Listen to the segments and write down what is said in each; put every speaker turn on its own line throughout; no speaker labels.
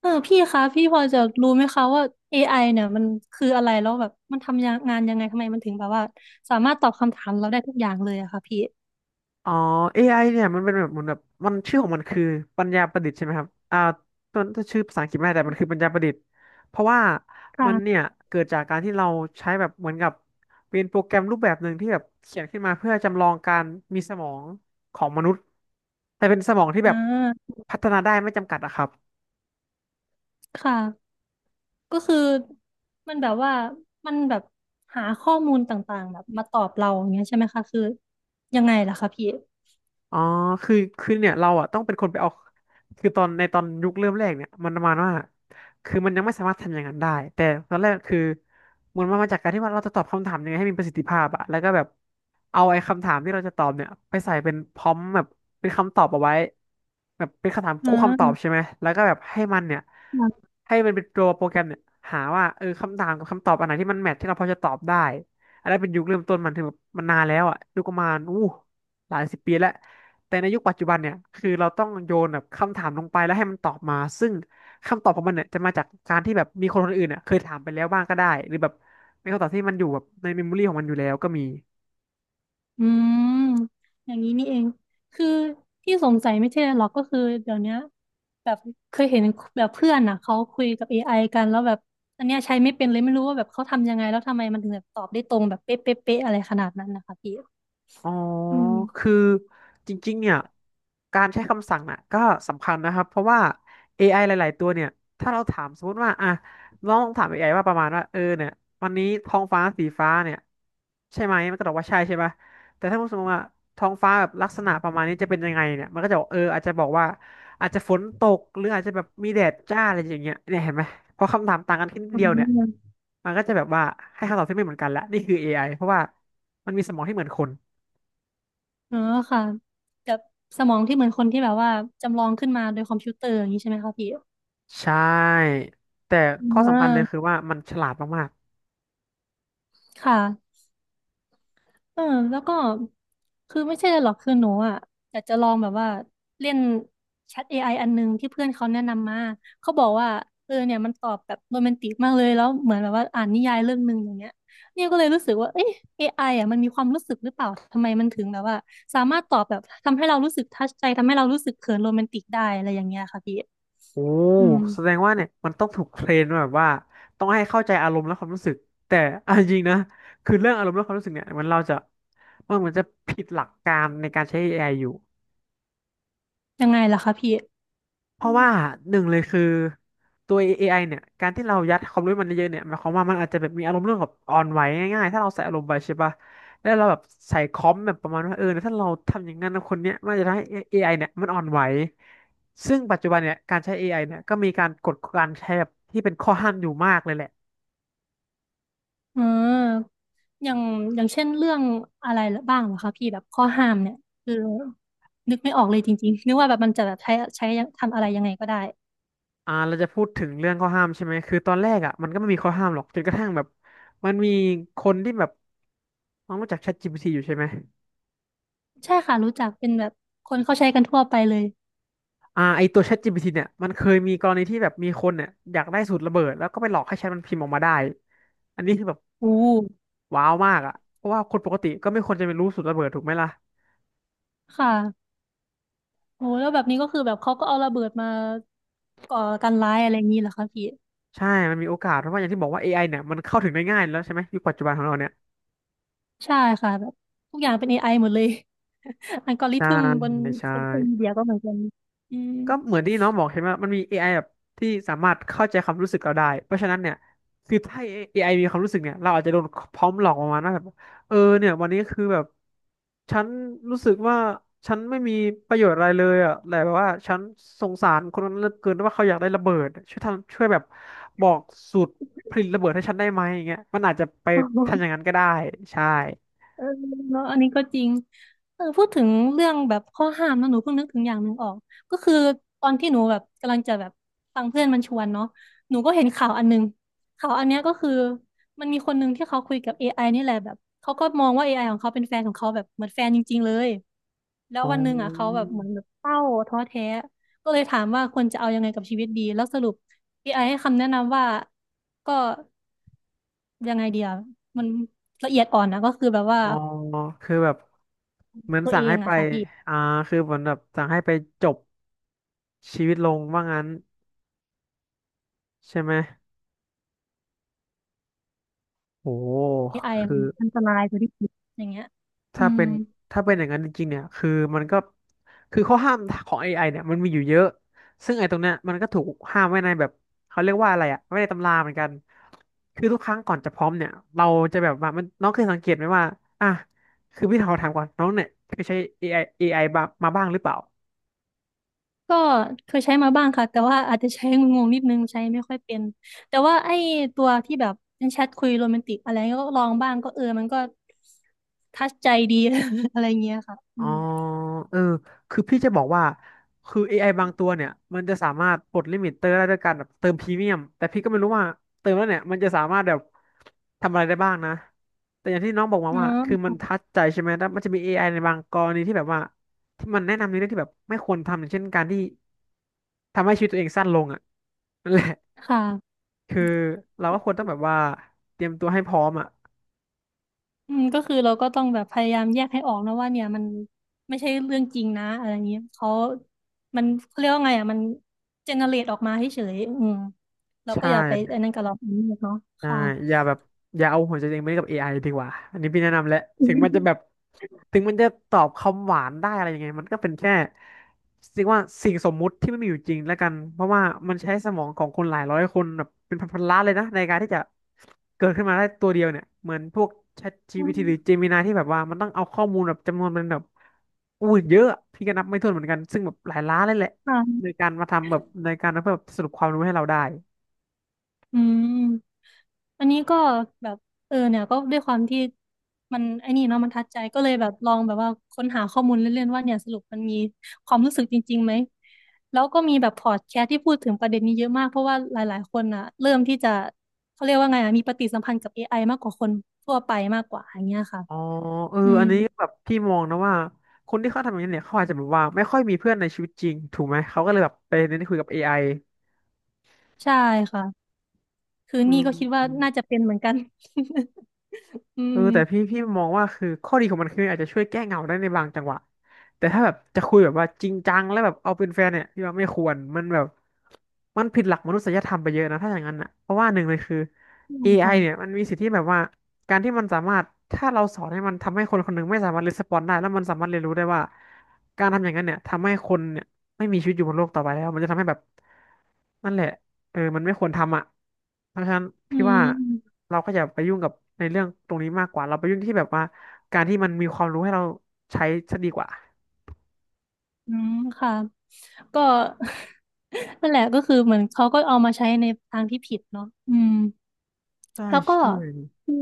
เออพี่คะพี่พอจะรู้ไหมคะว่า AI เนี่ยมันคืออะไรแล้วแบบมันทำงงานยังไงทำไมมันถึงแบบว่าสามารถตอบคำถามเราได้ทุกอย่างเลยอะค่ะพี่
อ๋อ AI เนี่ยมันเป็นแบบเหมือนแบบมันชื่อของมันคือปัญญาประดิษฐ์ใช่ไหมครับต้นชื่อภาษาอังกฤษไม่ได้แต่มันคือปัญญาประดิษฐ์เพราะว่ามันเนี่
ค่ะ
ยเกิดจากการที่เราใช้แบบเหมือนกับเป็นโปรแกรมรูปแบบหนึ่งที่แบบเขียนขึ้นมาเพื่อจำลองการมีสมองของมนุษย์แต่เป็นสมองที่
อ่
แบบ
า
พัฒนาได้ไม่จำกัดอะครับ
ค่ะก็คือมันแบบว่ามันแบบหาข้อมูลต่างๆแบบมาตอบเราอย่างเงี้ยใช่ไหมคะคือยังไงล่ะคะพี่
อ๋อคือเนี่ยเราอ่ะต้องเป็นคนไปเอาคือตอนในตอนยุคเริ่มแรกเนี่ยมันประมาณว่าคือมันยังไม่สามารถทำอย่างนั้นได้แต่ตอนแรกคือมันมาจากการที่ว่าเราจะตอบคำถามยังไงให้มีประสิทธิภาพอะแล้วก็แบบเอาไอ้คำถามที่เราจะตอบเนี่ยไปใส่เป็นพร้อมแบบเป็นคำตอบเอาไว้แบบเป็นคำถาม
อ่
คู่คำตอบ
า
ใช่ไหมแล้วก็แบบให้มันเนี่ยให้มันเป็นตัวโปรแกรมเนี่ยหาว่าเออคำถามกับคำตอบอันไหนที่มันแมทที่เราพอจะตอบได้อันนั้นเป็นยุคเริ่มต้นมันถึงแบบมันนานแล้วอะยุคประมาณอู้หลายสิบปีแล้ว แต่ในยุคปัจจุบันเนี่ย คือเราต้องโยนแบบคำถามลงไปแล้วให้มันตอบมา ซึ่งคำตอบของมันเนี่ยจะมาจากการที่แบบมีคนอื่นเนี่ยเคยถามไปแล้วบ้างก็ได้ หรือแบบเป็นคำตอบที่มันอยู่แบบในเมมโมรี่ของมันอยู่แล้วก็มี
อืมอย่างนี้นี่เองคือที่สงสัยไม่ใช่อะไรหรอกก็คือเดี๋ยวเนี้ยแบบเคยเห็นแบบเพื่อนอ่ะเขาคุยกับ AI กันแล้วแบบอันเนี้ยใช้ไม่เป็นเลยไม่รู้ว่าแบบเขาทำยังไงแล้วทำไมมันถึงแบบตอบได้ตรงแบบเป๊ะเป๊ะเป๊ะอะไรขนาดนั้นนะคะพี่
อ๋อ
อืม
คือจริงๆเนี่ย การใช้คำสั่งน่ะก็สำคัญนะครับ เพราะว่า AI หลายๆตัวเนี่ย ถ้าเราถามสมมติว่าอ่ะลองถาม AI ว่าประมาณว่าเออเนี่ยวันนี้ท้องฟ้าสีฟ้าเนี่ยใช่ไหมมันก็ตอบว่าใช่ปะแต่ถ้าสมมติว่าท้องฟ้าแบบลักษณะประมาณนี้จะเป็นยังไงเนี่ยมันก็จะบอกเอออาจจะบอกว่าอาจจะฝนตกหรืออาจจะแบบมีแดดจ้าอะไรอย่างเงี้ยเนี่ยเห็นไหมพอคำถามต่างกันแค่นิด
อื
เดียวเนี่ย
ม
มันก็จะแบบว่าให้คำตอบที่ไม่เหมือนกันละนี่คือ AI เพราะว่ามันมีสมองที่เหมือนคน
อ๋อค่ะแบบสมองที่เหมือนคนที่แบบว่าจำลองขึ้นมาโดยคอมพิวเตอร์อย่างนี้ใช่ไหมคะพี่
ใช่แต่ข้อ
อ่
สำคัญเลยคือ
า
ว่ามันฉลาดมาก
ค่ะ เออแล้วก็คือไม่ใช่เลยหรอกคือหนูอ่ะอยากจะลองแบบว่าเล่นแชทเอไออันหนึงที่เพื่อนเขาแนะนำมาเขาบอกว่าเออเนี่ยมันตอบแบบโรแมนติกมากเลยแล้วเหมือนแบบว่าอ่านนิยายเรื่องหนึ่งอย่างเงี้ยเนี่ยก็เลยรู้สึกว่าเอ๊ะ อไออ่ะมันมีความรู้สึกหรือเปล่าทำไมมันถึงแบบว่าสามารถตอบแบบทำให้เรารู้สึกทัชใจทำให้เรารู้สึกเขินโรแมนติกได้อะไรอย่างเงี้ยค่ะพี่
ๆโอ้
อืม
แสดงว่าเนี่ยมันต้องถูกเทรนมาแบบว่าต้องให้เข้าใจอารมณ์และความรู้สึกแต่เอาจริงๆนะคือเรื่องอารมณ์และความรู้สึกเนี่ยเราจะมันเหมือนจะผิดหลักการในการใช้ AI อไออยู่
ยังไงล่ะคะพี่
เพ
อื
ราะ
ม
ว่าหนึ่งเลยคือตัว AI เนี่ยการที่เรายัดความรู้มันเยอะๆเนี่ยหมายความว่ามันอาจจะแบบมีอารมณ์เรื่องแบบออนไหวง่ายๆถ้าเราใส่อารมณ์ไปใช่ปะแล้วเราแบบใส่คอมแบบประมาณว่าเออถ้าเราทำอย่างนั้นนะคนเนี้ยมันจะทำให้ AI เนี่ยมันออนไหวซึ่งปัจจุบันเนี่ยการใช้ AI เนี่ยก็มีการกฎการใช้แบบที่เป็นข้อห้ามอยู่มากเลยแหละ
เออ อย่างอย่างเช่นเรื่องอะไรบ้างเหรอคะพี่แบบข้อห้ามเนี่ยคือนึกไม่ออกเลยจริงๆนึกว่าแบบมันจะแบบใช้ทำอะไรยังไงก็ได้
เราจะพูดถึงเรื่องข้อห้ามใช่ไหมคือตอนแรกอ่ะมันก็ไม่มีข้อห้ามหรอกจนกระทั่งแบบมันมีคนที่แบบน้องรู้จัก ChatGPT อยู่ใช่ไหม
ใช่ค่ะรู้จักเป็นแบบคนเขาใช้กันทั่วไปเลย
อ่าไอตัว ChatGPT เนี่ยมันเคยมีกรณีที่แบบมีคนเนี่ยอยากได้สูตรระเบิดแล้วก็ไปหลอกให้แชทมันพิมพ์ออกมาได้ อันนี้คือแบบ
โอ้
ว้าวมากอ่ะเพราะว่าคนปกติก็ไม่ควรจะไปรู้สูตรระเบิดถูกไหมล่ะ
ค่ะโอ้แล้วแบบนี้ก็คือแบบเขาก็เอาระเบิดมาก่อการร้ายอะไรอย่างนี้เหรอคะพี่
ใช่มันมีโอกาสเพราะว่าอย่างที่บอกว่า AI เนี่ยมันเข้าถึงได้ง่ายแล้วใช่ไหมยุคปัจจุบันของเราเนี่ย
ใช่ค่ะแบบทุกอย่างเป็น AI หมดเลย อัลกอริ
ใช่
ทึมบน
ใช่
โซเชียลมีเดียก็เหมือนกันอืม
ก็เหมือนที่น้องบอกเห็นว่ามันมี AI แบบที่สามารถเข้าใจความรู้สึกเราได้เพราะฉะนั้นเนี่ยคือถ้า AI มีความรู้สึกเนี่ยเราอาจจะโดนพร้อมหลอกประมาณว่าแบบเออเนี่ยวันนี้คือแบบฉันรู้สึกว่าฉันไม่มีประโยชน์อะไรเลยอ่ะแต่แบบว่าฉันสงสารคนนั้นเหลือเกินว่าเขาอยากได้ระเบิดช่วยทำช่วยแบบบอกสูตรผลิตระเบิดให้ฉันได้ไหมอย่างเงี้ยมันอาจจะไปทำอย่างนั้นก็ได้ใช่
เออเนาะอันนี้ก็จริงเออพูดถึงเรื่องแบบข้อห้ามนะหนูเพิ่งนึกถึงอย่างหนึ่งออกก็คือตอนที่หนูแบบกำลังจะแบบฟังเพื่อนมันชวนเนาะหนูก็เห็นข่าวอันหนึงข่าวอันเนี้ยก็คือมันมีคนหนึ่งที่เขาคุยกับ อไอนี่แหละแบบเขาก็มองว่า อไอของเขาเป็นแฟนของเขาแบบเหมือนแฟนจริงๆเลย แล้ว
อ๋
วันหนึ่งอ่ะเขา
อ
แบบเหมือนแบบเศร้าท้อแท้ ก็เลยถามว่าควรจะเอายังไงกับชีวิตดี แล้วสรุปเอไอให้คำแนะนำว่าก็ยังไงเดียวมันละเอียดอ่อนนะก็คือแบบว่า
อ๋อคือแบบ เหมือน
ตัว
สั่
เอ
ง
ง
ให้ไป
อะค่ะพี่
อ่าคือเหมือนแบบสั่งให้ไปจบชีวิตลงว่างั้นใช่ไหมโอ้โห
AI
คือ
มันอันตรายกว่าที่คิดอย่างเงี้ยอื
ถ้า
ม
เป็นถ้าเป็นอย่างนั้นจริงๆเนี่ยคือมันก็คือข้อห้ามของ AI เนี่ยมันมีอยู่เยอะ ซึ่งไอ้ตรงเนี้ยมันก็ถูกห้ามไว้ในแบบเขาเรียกว่าอะไรไว้ในตำราเหมือนกันคือทุกครั้งก่อนจะพร้อมเนี่ยเราจะแบบว่ามันน้องเคยสังเกตไหมว่าอ่ะคือพี่ขอถามก่อนน้องเนี่ยเคยใช้ a อไอเอไอบ้างมาบ้างหรือเปล่า
ก็เคยใช้มาบ้างค่ะแต่ว่าอาจจะใช้งงๆนิดนึงใช้ไม่ค่อยเป็นแต่ว่าไอ้ตัวที่แบบเป็นแชทคุยโรแมนติกอะไรก็ลองบ้างก็เออมันก็ทัชใจดี อะไรเงี้ยค่ะอื
อ๋อ
ม
เออคือพี่จะบอกว่าคือ AI บางตัวเนี่ยมันจะสามารถปลดลิมิตเตอร์ได้ด้วยการแบบเติมพรีเมียมแต่พี่ก็ไม่รู้ว่าเติมแล้วเนี่ยมันจะสามารถแบบทำอะไรได้บ้างนะแต่อย่างที่น้องบอกมา
อ๋
ว่าคือมัน
อ
ทัดใจใช่ไหมแล้วมันจะมี a อไอในบางกรณีที่แบบว่าที่มันแนะนำในเรื่องที่แบบไม่ควรทำอย่างเช่นการที่ทำให้ชีวิตตัวเองสั้นลงอ่ะนั่นแหละ
ค่ะ
คือเราก็ควรต้องแบบว่าเตรียมตัวให้พร้อมอ่ะ
อืมก็คือเราก็ต้องแบบพยายามแยกให้ออกนะว่าเนี่ยมันไม่ใช่เรื่องจริงนะอะไรอย่างเงี้ยเขา มันเขาเรียกว่าไงอ่ะมันเจเนเรตออกมาให้เฉยอืมเราก็
ใช่
อย่าไปอันนั้นกับเราเนาะ
ใช่
ค่ะ
อย่าแบบอย่าเอาหัวใจตัวเองไปเล่นกับ AI ดีกว่าอันนี้พี่แนะนำแหละ
อื
ถึงมันจะแบบถึงมันจะตอบคำหวานได้อะไรยังไงมันก็เป็นแค่เรียกว่าสิ่งสมมุติที่ไม่มีอยู่จริงแล้วกัน เพราะว่ามันใช้สมองของคนหลายร้อยคนแบบเป็นพันๆล้านเลยนะในการที่จะเกิดขึ้นมาได้ตัวเดียวเนี่ย เหมือนพวก
ม
ChatGPT หรือ Gemini ที่แบบว่ามันต้องเอาข้อมูลแบบจำนวนมันแบบอู้เยอะอะพี่ก็นับไม่ถ้วนเหมือนกันซึ่งแบบหลายล้านเลยแหละ
ค่ะ
ในการมาทำแบบในการมาเพื่อแบบสรุปความรู้ให้เราได้
อืม อันนี้ก็แบบเออเนี่ยก็ด้วยความที่มันไอ้นี่เนาะมันทัดใจก็เลยแบบลองแบบว่าค้นหาข้อมูลเล่นๆว่าเนี่ยสรุปมันมีความรู้สึกจริงๆไหมแล้วก็มีแบบพอดแคสต์ที่พูดถึงประเด็นนี้เยอะมากเพราะว่าหลายๆคนอ่ะเริ่มที่จะเขาเรียกว่าไงอ่ะมีปฏิสัมพันธ์กับ AI มากกว่าคนทั่วไปมากกว่าอย่างเงี้ยค่ะ
อ๋อเออ
อืม
อันนี้แบบพี่มองนะว่าคนที่เขาทำอย่างนี้เนี่ยเขาอาจจะแบบว่าไม่ค่อยมีเพื่อนในชีวิตจริงถูกไหมเขาก็เลยแบบไปเน้นคุยกับ AI อไ
ใช่ค่ะคือ
ออื
นี่ก็คิดว่า
ม
น่าจะเป็นเหมือนกัน อื
เอ
ม
อแต่พี่มองว่าคือข้อดีของมันคืออาจจะช่วยแก้เหงาได้ในบางจังหวะแต่ถ้าแบบจะคุยแบบว่าจริงจังแล้วแบบเอาเป็นแฟนเนี่ยพี่ว่าไม่ควรมันแบบมันผิดหลักมนุษยธรรมไปเยอะนะถ้าอย่างนั้นอ่ะเพราะว่าหนึ่งเลยคือ
อืม
AI
ค่ะ
เนี่ยมันมีสิทธิแบบว่าการที่มันสามารถถ้าเราสอนให้มันทำให้คนคนหนึ่งไม่สามารถรีสปอนได้แล้วมันสามารถเรียนรู้ได้ว่าการทำอย่างนั้นเนี่ยทำให้คนเนี่ยไม่มีชีวิตอยู่บนโลกต่อไปแล้วมันจะทำให้แบบนั่นแหละ เออมันไม่ควรทำอ่ะเพราะฉะนั้น
อื
พี่ว่า
ม
เราก็อย่าไปยุ่งกับในเรื่องตรงนี้มากกว่า เราไปยุ่งที่แบบว่าการที่มันมีความรู้ให้เราใช้ซะดีกว่า
อืมค่ะก็ นั่นแหละก็คือเหมือนเขาก็เอามาใช้ในทางที่ผิดเนาะอืม
ใช่
แล้วก็
ใช่
คือ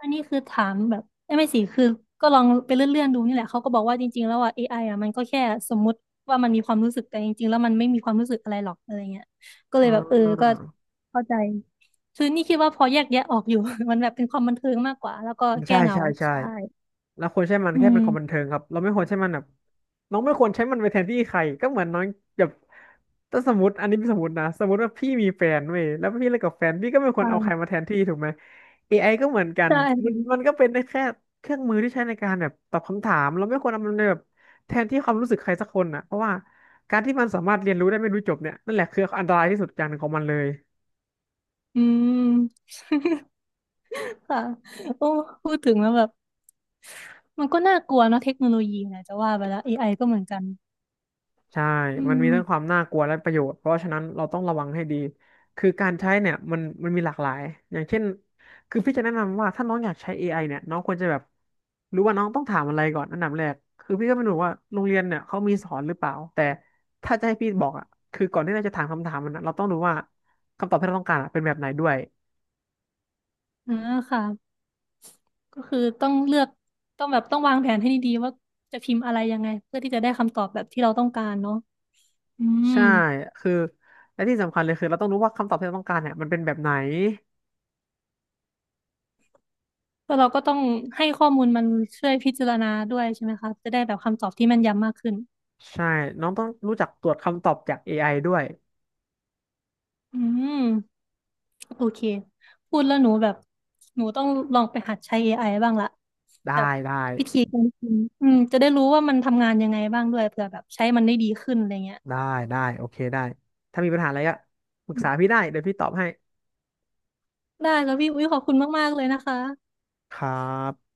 อันนี้คือถามแบบเอ้ยไม่สิคือก็ลองไปเลื่อนๆดูนี่แหละเขาก็บอกว่าจริงๆแล้วอ่ะ AI อไออ่ะมันก็แค่สมมุติว่ามันมีความรู้สึกแต่จริงๆแล้วมันไม่มีความรู้สึกอะไรหรอกอะไรเงี้ยก็เล
อ่
ยแบบเออก็
า
เข้าใจคือนี่คิดว่าพอแยกแยะออกอยู่ มันแบบเป็นความบันเทิงมากกว่าแล้วก็แก้
ใช่
เหงา
ใช่ใช่
ใช่
เราควรใช้มัน
อื
แค่เป็น
ม
ความบันเทิงครับเราไม่ควรใช้มันแบบน้องไม่ควรใช้มันไปแทนที่ใครก็เหมือนน้องแบบถ้าสมมติอันนี้เป็นสมมตินะสมมติว่าพี่มีแฟนเว้ยแล้วพี่เลิกกับแฟนพี่ก็ไม่ควรเอาใครมา
ค่ะ
แทนที่ถูกไหม AI ก็เหมือนกั
ใช
นมันมั
่
นก็เป็นได้แค่เครื่องมือที่ใช้ในการแบบตอบคำถามเราไม่ควรเอามันไปแบบแทนที่ความรู้สึกใครสักคนน่ะเพราะว่าการที่มันสามารถเรียนรู้ได้ไม่รู้จบเนี่ยนั่นแหละคืออันตรายที่สุดอย่างหนึ่งของมันเลย
อืม ค่ะโอ้พูดถึงแล้วแบบมันก็น่ากลัวเนาะเทคโนโลยีนะจะว่าไปแล้ว AI ก็เหมือนกัน
ใช่
อื
มันมีทั้งความ
ม
น่ากลัวและประโยชน์เพราะฉะนั้นเราต้องระวังให้ดี คือการใช้เนี่ยมันมีหลากหลายอย่างเช่นคือพี่จะแนะนำว่าถ้าน้องอยากใช้ AI เนี่ยน้องควรจะแบบรู้ว่าน้องต้องถามอะไรก่อนอันดับแรกคือพี่ก็ไม่รู้ว่าโรงเรียนเนี่ยเขามีสอนหรือเปล่า แต่ถ้าจะให้พี่บอกอ่ะคือก่อนที่เราจะถามคำถามมันนะเราต้องรู้ว่าคำตอบที่เราต้องการอะเป็นแบบไหนด้วย
อ่าค่ะก็คือต้องเลือกต้องวางแผนให้ดีๆว่าจะพิมพ์อะไรยังไงเพื่อที่จะได้คำตอบแบบที่เราต้องการเนาะอืม
ใช่คือและที่สำคัญเลยคือเราต้องรู้ว่าคำตอบที่เราต้องการเนี่ยมันเป็นแบบไหน
แล้วเราก็ต้องให้ข้อมูลมันช่วยพิจารณาด้วยใช่ไหมคะจะได้แบบคำตอบที่แม่นยำมากขึ้น
ใช่น้องต้องรู้จักตรวจคำตอบจากเอไอด้วย
อืมโอเคพูดแล้วหนูแบบหนูต้องลองไปหัดใช้ AI บ้างละ
ได้
แบบ
ได้
อืมอืมจะได้รู้ว่ามันทำงานยังไงบ้างด้วยเผื่อแบบใช้มันได้ดีขึ้นอะไรเงี้ย
ได้ได้โอเคได้ถ้ามีปัญหาอะไรก็ปรึก
อืม
ษาพี่ได้เดี๋ยวพี่ตอบให้
ได้แล้วพี่อุ้ยขอบคุณมากๆเลยนะคะ
ครับ